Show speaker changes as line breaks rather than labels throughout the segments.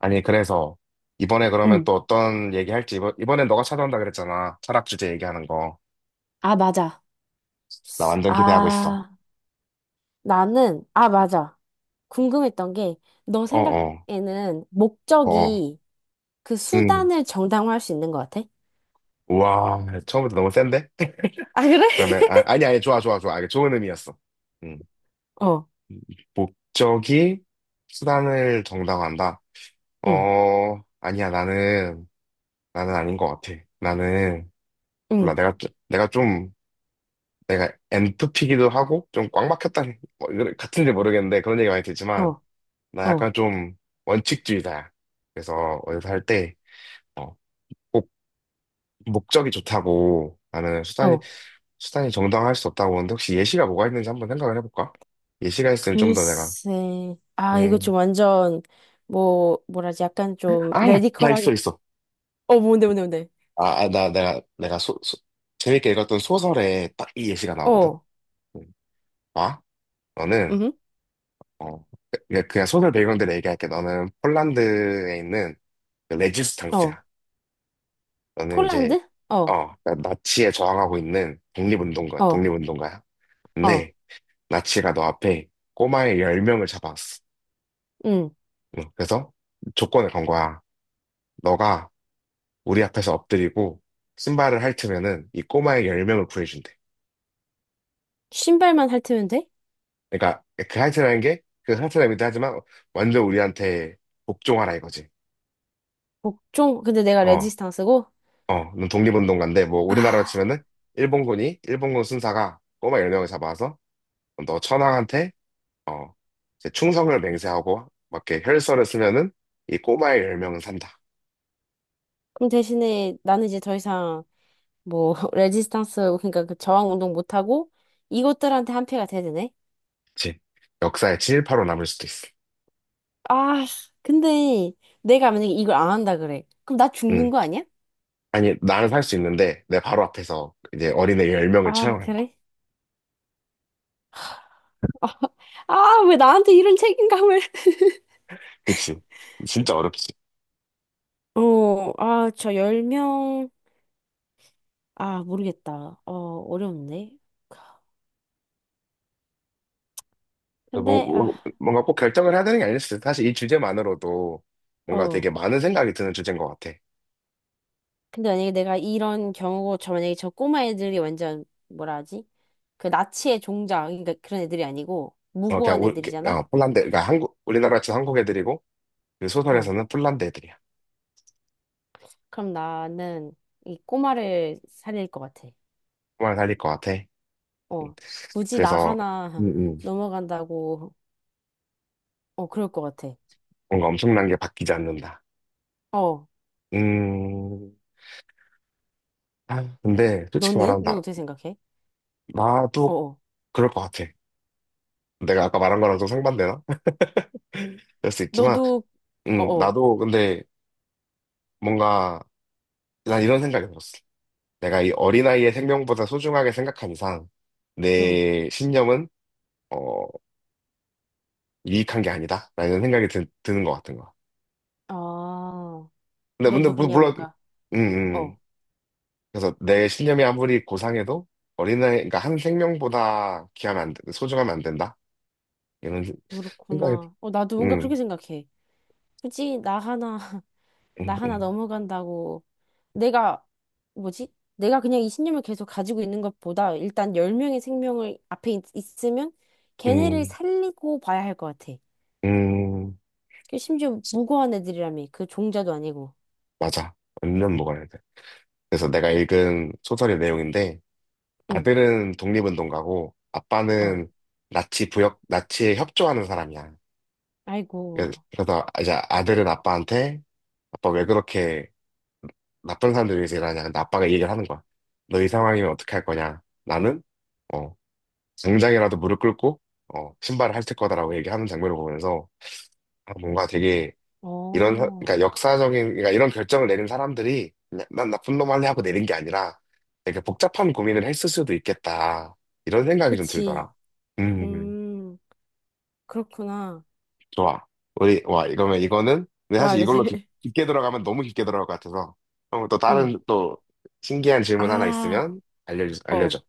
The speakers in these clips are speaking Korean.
아니, 그래서 이번에 그러면
응.
또 어떤 얘기 할지 이번엔 너가 찾아온다 그랬잖아. 철학 주제 얘기하는 거.
아, 맞아.
나 완전 기대하고 있어.
아, 나는, 아, 맞아. 궁금했던 게, 너
어어.
생각에는
어어.
목적이 그
응.
수단을 정당화할 수 있는 것 같아?
우와, 처음부터 너무 센데?
아, 그래?
그러면 아, 아니 아니 좋아 좋아. 이게 좋은 의미였어. 음.
어,
목적이 수단을 정당화한다.
응,
아니야. 나는 아닌 것 같아. 나는 몰라.
응,
내가 좀 내가 엔트피기도 하고 좀 꽉 막혔다. 뭐, 이거 같은지 모르겠는데 그런 얘기 많이 듣지만
어,
나 약간
어,
좀 원칙주의자야. 그래서 어디서 할 때, 어, 꼭 목적이 좋다고
어.
수단이 정당할 수 없다고 하는데 혹시 예시가 뭐가 있는지 한번 생각을 해볼까? 예시가 있으면 좀 더 내가,
글쎄, 아, 이거
음,
좀 완전, 뭐라지, 약간 좀,
아, 나
레디컬하게.
있어.
어, 뭔데.
내가 재밌게 읽었던 소설에 딱 이 예시가 나오거든.
어,
음. 봐, 너는,
응,
어, 그냥 소설 배경대로 얘기할게. 너는 폴란드에 있는 그 레지스탕스야.
어.
저는 이제
폴란드? 어,
나치에 저항하고 있는
어,
독립운동가야.
어,
근데 나치가 너 앞에 꼬마의 10명을 잡아왔어.
응.
응, 그래서 조건을 건 거야. 너가 우리 앞에서 엎드리고 신발을 핥으면은 이 꼬마의 10명을 구해준대.
신발만 핥으면 돼?
그러니까 그 핥으라는 게 그 핥으라고도 하지만 완전 우리한테 복종하라 이거지.
복종? 근데 내가
어,
레지스탕스고?
어, 넌 독립운동가인데 뭐 우리나라로
아.
치면은 일본군 순사가 꼬마 10명을 잡아와서 너 천황한테 어, 이제 충성을 맹세하고 막 이렇게 혈서를 쓰면은 이 꼬마의 10명은 산다.
그럼 대신에 나는 이제 더 이상 뭐 레지스탕스 그러니까 그 저항 운동 못 하고 이것들한테 한 패가 돼야 되네.
그치? 역사에 친일파로 남을 수도 있어.
아, 근데 내가 만약에 이걸 안 한다 그래. 그럼 나 죽는
응.
거 아니야?
아니, 나는 살 수 있는데 내 바로 앞에서 이제 어린애 10명을
아,
처형하는 거야.
그래? 아, 왜 나한테 이런 책임감을?
그치? 진짜 어렵지.
어, 아, 저 10명. 아, 모르겠다. 어, 어려운데. 근데 아,
뭔가 꼭 결정을 해야 되는 게 아니었어. 사실 이 주제만으로도 뭔가
어.
되게 많은 생각이 드는 주제인 것 같아.
근데 만약에 내가 이런 경우고 저 만약에 저 꼬마 애들이 완전 뭐라 하지? 그 나치의 종자 그러니까 그런 애들이 아니고
어, 그냥
무고한
우,
애들이잖아.
어, 우리나라 치 한국 애들이고 그
어,
소설에서는 폴란드 애들이야.
그럼 나는 이 꼬마를 살릴 것 같아.
정말 살릴 것 같아.
어, 굳이 나
그래서
하나
음, 음.
넘어간다고, 어, 그럴 것 같아.
뭔가 엄청난 게 바뀌지 않는다.
어,
음, 근데 솔직히
너는?
말하면 나,
넌 어떻게 생각해? 어,
나도
어.
그럴 것 같아. 내가 아까 말한 거랑 좀 상반되나? 그럴 수 있지만,
너도, 어, 어,
나도 근데 뭔가 난 이런 생각이 들었어. 내가 이 어린아이의 생명보다 소중하게 생각한 이상
응.
내 신념은 어, 유익한 게 아니다 라는 생각이 는것 같은 거야.
아,
근데
너도 그냥
물론,
뭔가,
음, 음.
어,
그래서 내 신념이 아무리 고상해도 어린아이, 그러니까 한 생명보다 귀하면 안, 된- 소중하면 안 된다. 이런 생각이,
그렇구나. 어, 나도 뭔가 그렇게
음.
생각해. 굳이 나 하나 나
음,
하나
음,
넘어간다고 내가 뭐지? 내가 그냥 이 신념을 계속 가지고 있는 것보다 일단 10명의 생명을 앞에 있으면 걔네를 살리고 봐야 할 것 같아.
음, 음.
그 심지어 무고한 애들이라며. 그 종자도 아니고.
맞아. 완전 먹어야 돼. 그래서 내가 읽은 소설의 내용인데,
응.
아들은 독립운동가고,
어.
아빠는 나치에 협조하는 사람이야.
아이고.
그래서 이제 아들은 아빠한테, 아빠 왜 그렇게 나쁜 사람들 위해서 일하냐. 근데 아빠가 이 얘기를 하는 거야. 너 이 상황이면 어떻게 할 거냐. 나는, 어, 당장이라도 무릎 꿇고, 어, 신발을 핥을 거다라고 얘기하는 장면을 보면서, 아, 뭔가 되게 그러니까
어.
역사적인 그러니까 이런 결정을 내린 사람들이 그냥 난 나쁜 놈 할래 하고 내린 게 아니라 되게 복잡한 고민을 했을 수도 있겠다 이런 생각이 좀
그치.
들더라. 음,
음. 그렇구나.
좋아. 우리 와, 이러면 이거는 근데
와,
사실
이거
이걸로
되게.
게 들어가면 너무 깊게 들어갈 것 같아서 그럼 또
응.
다른 또 신기한 질문 하나
아.
있으면 알려주
어.
알려줘.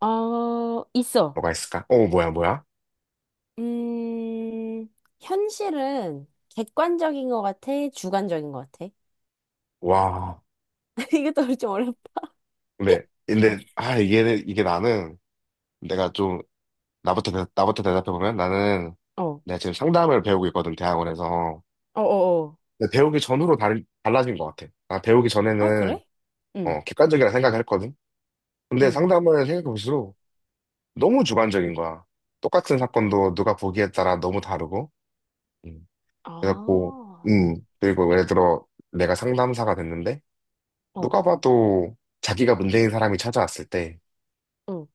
어. 있어.
뭐가 있을까? 어, 뭐야 뭐야.
음, 현실은 객관적인 것 같아? 주관적인 것 같아?
와,
이것도 좀 어렵다.
근데 이게 나는 내가 좀 나부터 대답해보면 나는
어, 어,
내가 지금 상담을 배우고 있거든, 대학원에서.
어, 어.
근데 배우기 전으로 달라진 것 같아. 나 배우기
아,
전에는
그래? 응,
어, 객관적이라 생각했거든. 근데
응.
상담을 생각해볼수록 너무 주관적인 거야. 똑같은 사건도 누가 보기에 따라 너무 다르고. 음. 그래갖고,
아,
그리고 예를 들어 내가 상담사가 됐는데
어,
누가 봐도 자기가 문제인 사람이 찾아왔을 때
응,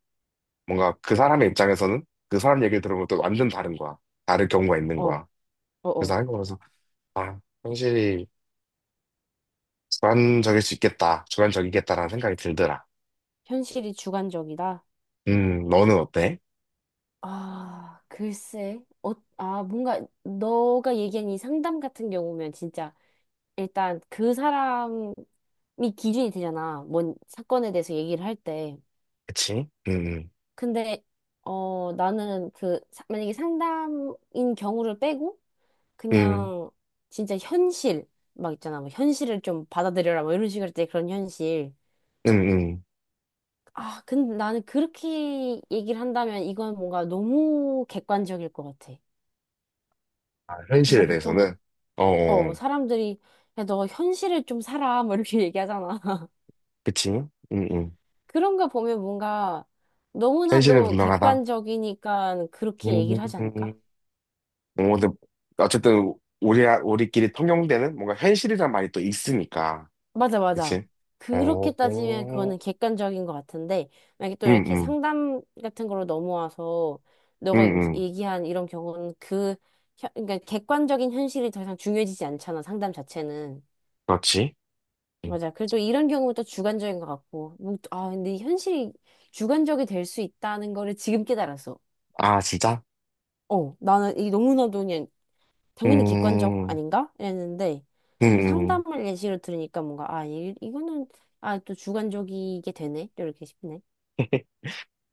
뭔가 그 사람의 입장에서는 그 사람 얘기를 들으면 또 완전 다른 거야. 다를 경우가 있는
어, 어,
거야. 그래서
어.
한국에서 아, 확실히 주관적일 수 있겠다. 주관적이겠다라는 생각이 들더라.
현실이 주관적이다?
너는 어때?
아, 글쎄. 어, 아, 뭔가 너가 얘기한 이 상담 같은 경우면 진짜 일단 그 사람이 기준이 되잖아. 뭔 사건에 대해서 얘기를 할 때.
그치?
근데 어 나는 그 사- 만약에 상담인 경우를 빼고
음, 음,
그냥 진짜 현실 막 있잖아 뭐 현실을 좀 받아들여라 뭐 이런 식으로 때 그런 현실,
음.
아 근데 나는 그렇게 얘기를 한다면 이건 뭔가 너무 객관적일 것 같아.
아, 현실에
뭔가
대해서는?
보통
어, 어,
어
어.
사람들이 야 너 현실을 좀 살아 뭐 이렇게 얘기하잖아.
그치?
그런 거 보면 뭔가
현실은
너무나도
분명하다.
객관적이니까 그렇게
음,
얘기를 하지
음.
않을까?
어, 근데 어쨌든 우리끼리 통용되는 뭔가 현실이란 말이 또 있으니까.
맞아, 맞아.
그치? 어,
그렇게 따지면 그거는
어.
객관적인 것 같은데, 만약에 또
음,
이렇게
음,
상담 같은 걸로 넘어와서,
음,
너가 얘기-
음.
얘기한 이런 경우는 그, 혀- 그러니까 객관적인 현실이 더 이상 중요해지지 않잖아, 상담 자체는.
그렇지. 음.
맞아. 그리고 또 이런 경우는 또 주관적인 것 같고, 뭐, 아, 근데 현실이 주관적이 될 수 있다는 거를 지금 깨달았어.
아, 진짜?
어, 나는 이 너무나도 그냥 당연히 객관적
음,
아닌가? 이랬는데
음,
그
음.
상담을 예시로 들으니까 뭔가 아 이거는 아 또 주관적이게 되네 이렇게 싶네.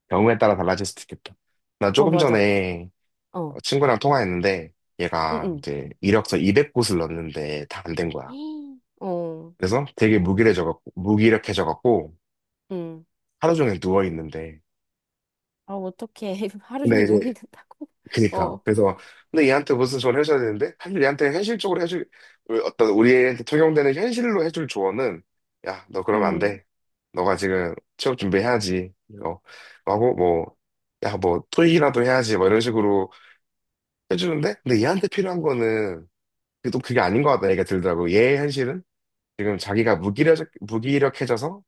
경우에 따라 달라질 수도 있겠다. 나
어
조금
맞아.
전에
어.
친구랑 통화했는데 얘가
응응.
이제 이력서 200곳을 넣었는데 다 안 된 거야.
어.
그래서 되게 무기력해져갖고
응.
하루 종일 누워 있는데
아 어떻게 하루
근데
종일 누워
이제
있는다고?
그니까
어.
그래서 근데 얘한테 무슨 조언을 해줘야 되는데 사실 얘한테 현실적으로 해줄 우리 어떤 우리한테 적용되는 현실로 해줄 조언은 야 너 그러면 안
응.
돼. 너가 지금 취업 준비해야지. 어, 하고 뭐 야 뭐 토익이라도 해야지 뭐 이런 식으로 해주는데 근데 얘한테 필요한 거는 그게 또 그게 아닌 것 같다 얘기가 들더라고. 얘의 현실은 지금 자기가 무기력해져서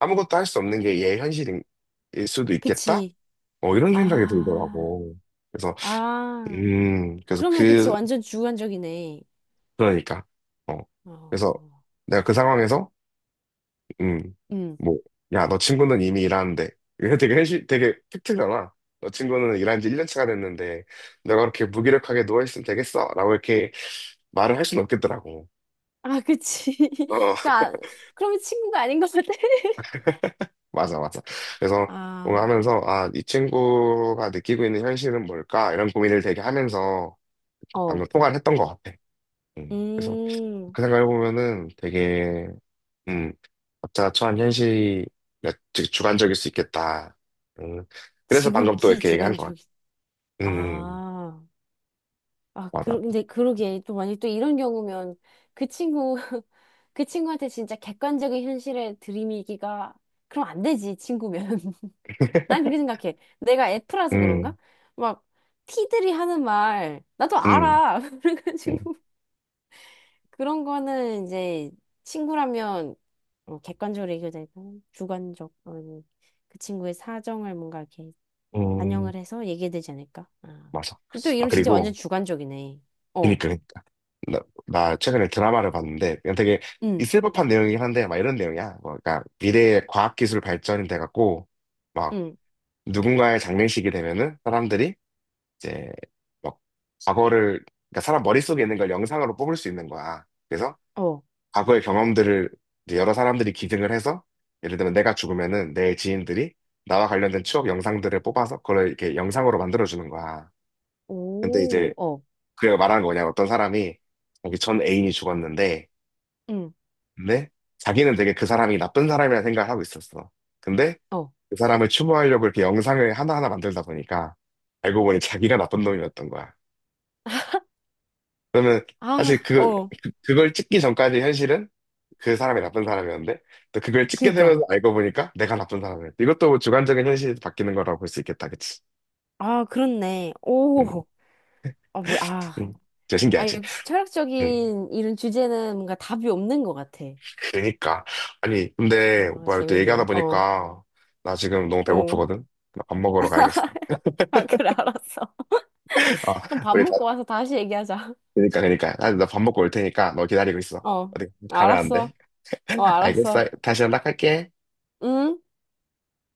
아무것도 할 수 없는 게 얘의 현실일 수도 있겠다.
그치.
어, 이런 생각이
아.
들더라고. 그래서
아.
음, 그래서
그러면 그치
그
완전 주관적이네.
그러니까 어 그래서
어.
내가 그 상황에서
응.
음뭐야 너 친구는 이미 일하는데 이게 되게 현실 되게 팩트잖아. 너 친구는 일한 지 1년 차가 됐는데 내가 그렇게 무기력하게 누워있으면 되겠어 라고 이렇게 말을 할 수는 없겠더라고.
아 그치.
어,
그러니까 그러면 친구가 아닌 것 같아.
맞아, 맞아. 그래서 뭔가
아.
하면서, 아, 이 친구가 느끼고 있는 현실은 뭘까? 이런 고민을 되게 하면서
어.
방금 통화를 했던 것 같아. 그래서
음.
그 생각해보면은 되게, 음, 각자 처한 현실이 즉 주관적일 수 있겠다. 음, 그래서 방금 또
지극히
이렇게 얘기한 것
주관적이.
같아. 음, 음,
아, 아,
맞아.
그러, 근데 그러게. 또 만약 또 이런 경우면 그 친구, 그 친구한테 진짜 객관적인 현실에 들이미기가, 그럼 안 되지, 친구면. 난 그렇게 생각해. 내가 F라서 그런가?
음,
막, T들이 하는 말, 나도
음,
알아.
음,
그래가지고, 그런 거는 이제 친구라면 어, 객관적으로 얘기해야 되고, 주관적, 어, 그 친구의 사정을 뭔가 이렇게
음,
반영을 해서 얘기해야 되지 않을까? 아.
맞아.
또
아,
이런 진짜 완전
그리고,
주관적이네. 어,
그니까. 나, 나 최근에 드라마를 봤는데, 그냥 되게
응,
있을 법한 내용이긴 한데, 막 이런 내용이야. 뭐, 그러니까 미래의 과학기술 발전이 돼갖고, 막
응,
누군가의 장례식이 되면은 사람들이 이제 막 과거를, 그러니까 사람 머릿속에 있는 걸 영상으로 뽑을 수 있는 거야. 그래서
어,
과거의 경험들을 이제 여러 사람들이 기증을 해서, 예를 들면 내가 죽으면은 내 지인들이 나와 관련된 추억 영상들을 뽑아서 그걸 이렇게 영상으로 만들어주는 거야. 근데 이제
오, 어,
그 말하는 거냐냥 어떤 사람이 자기 전 애인이 죽었는데
응,
근데 자기는 되게 그 사람이 나쁜 사람이라 생각을 하고 있었어. 근데
어.
그 사람을 추모하려고 이렇게 영상을 하나하나 만들다 보니까 알고 보니 자기가 나쁜 놈이었던 거야. 그러면 사실
아, 어,
그걸 찍기 전까지 현실은 그 사람이 나쁜 사람이었는데 또 그걸 찍게
그니까.
되면서 알고 보니까 내가 나쁜 사람이었어. 이것도 뭐 주관적인 현실이 바뀌는 거라고 볼 수 있겠다, 그치?
아, 그렇네.
음,
오, 아, 뭐야, 아.
음. 진짜
아,
신기하지?
역시
음.
철학적인 이런 주제는 뭔가 답이 없는 것 같아.
그니까. 아니, 근데
아,
오빠 이렇게 얘기하다
재밌네. 어,
보니까 나 지금 너무
어.
배고프거든? 나 밥 먹으러 가야겠어.
아, 그래, 알았어. 그럼
아,
밥
우리 다,
먹고 와서 다시 얘기하자.
그니까. 나 밥 먹고 올 테니까 너 기다리고 있어.
어,
어디 가면 안 돼?
알았어. 어,
알겠어.
알았어.
다시 연락할게.
응?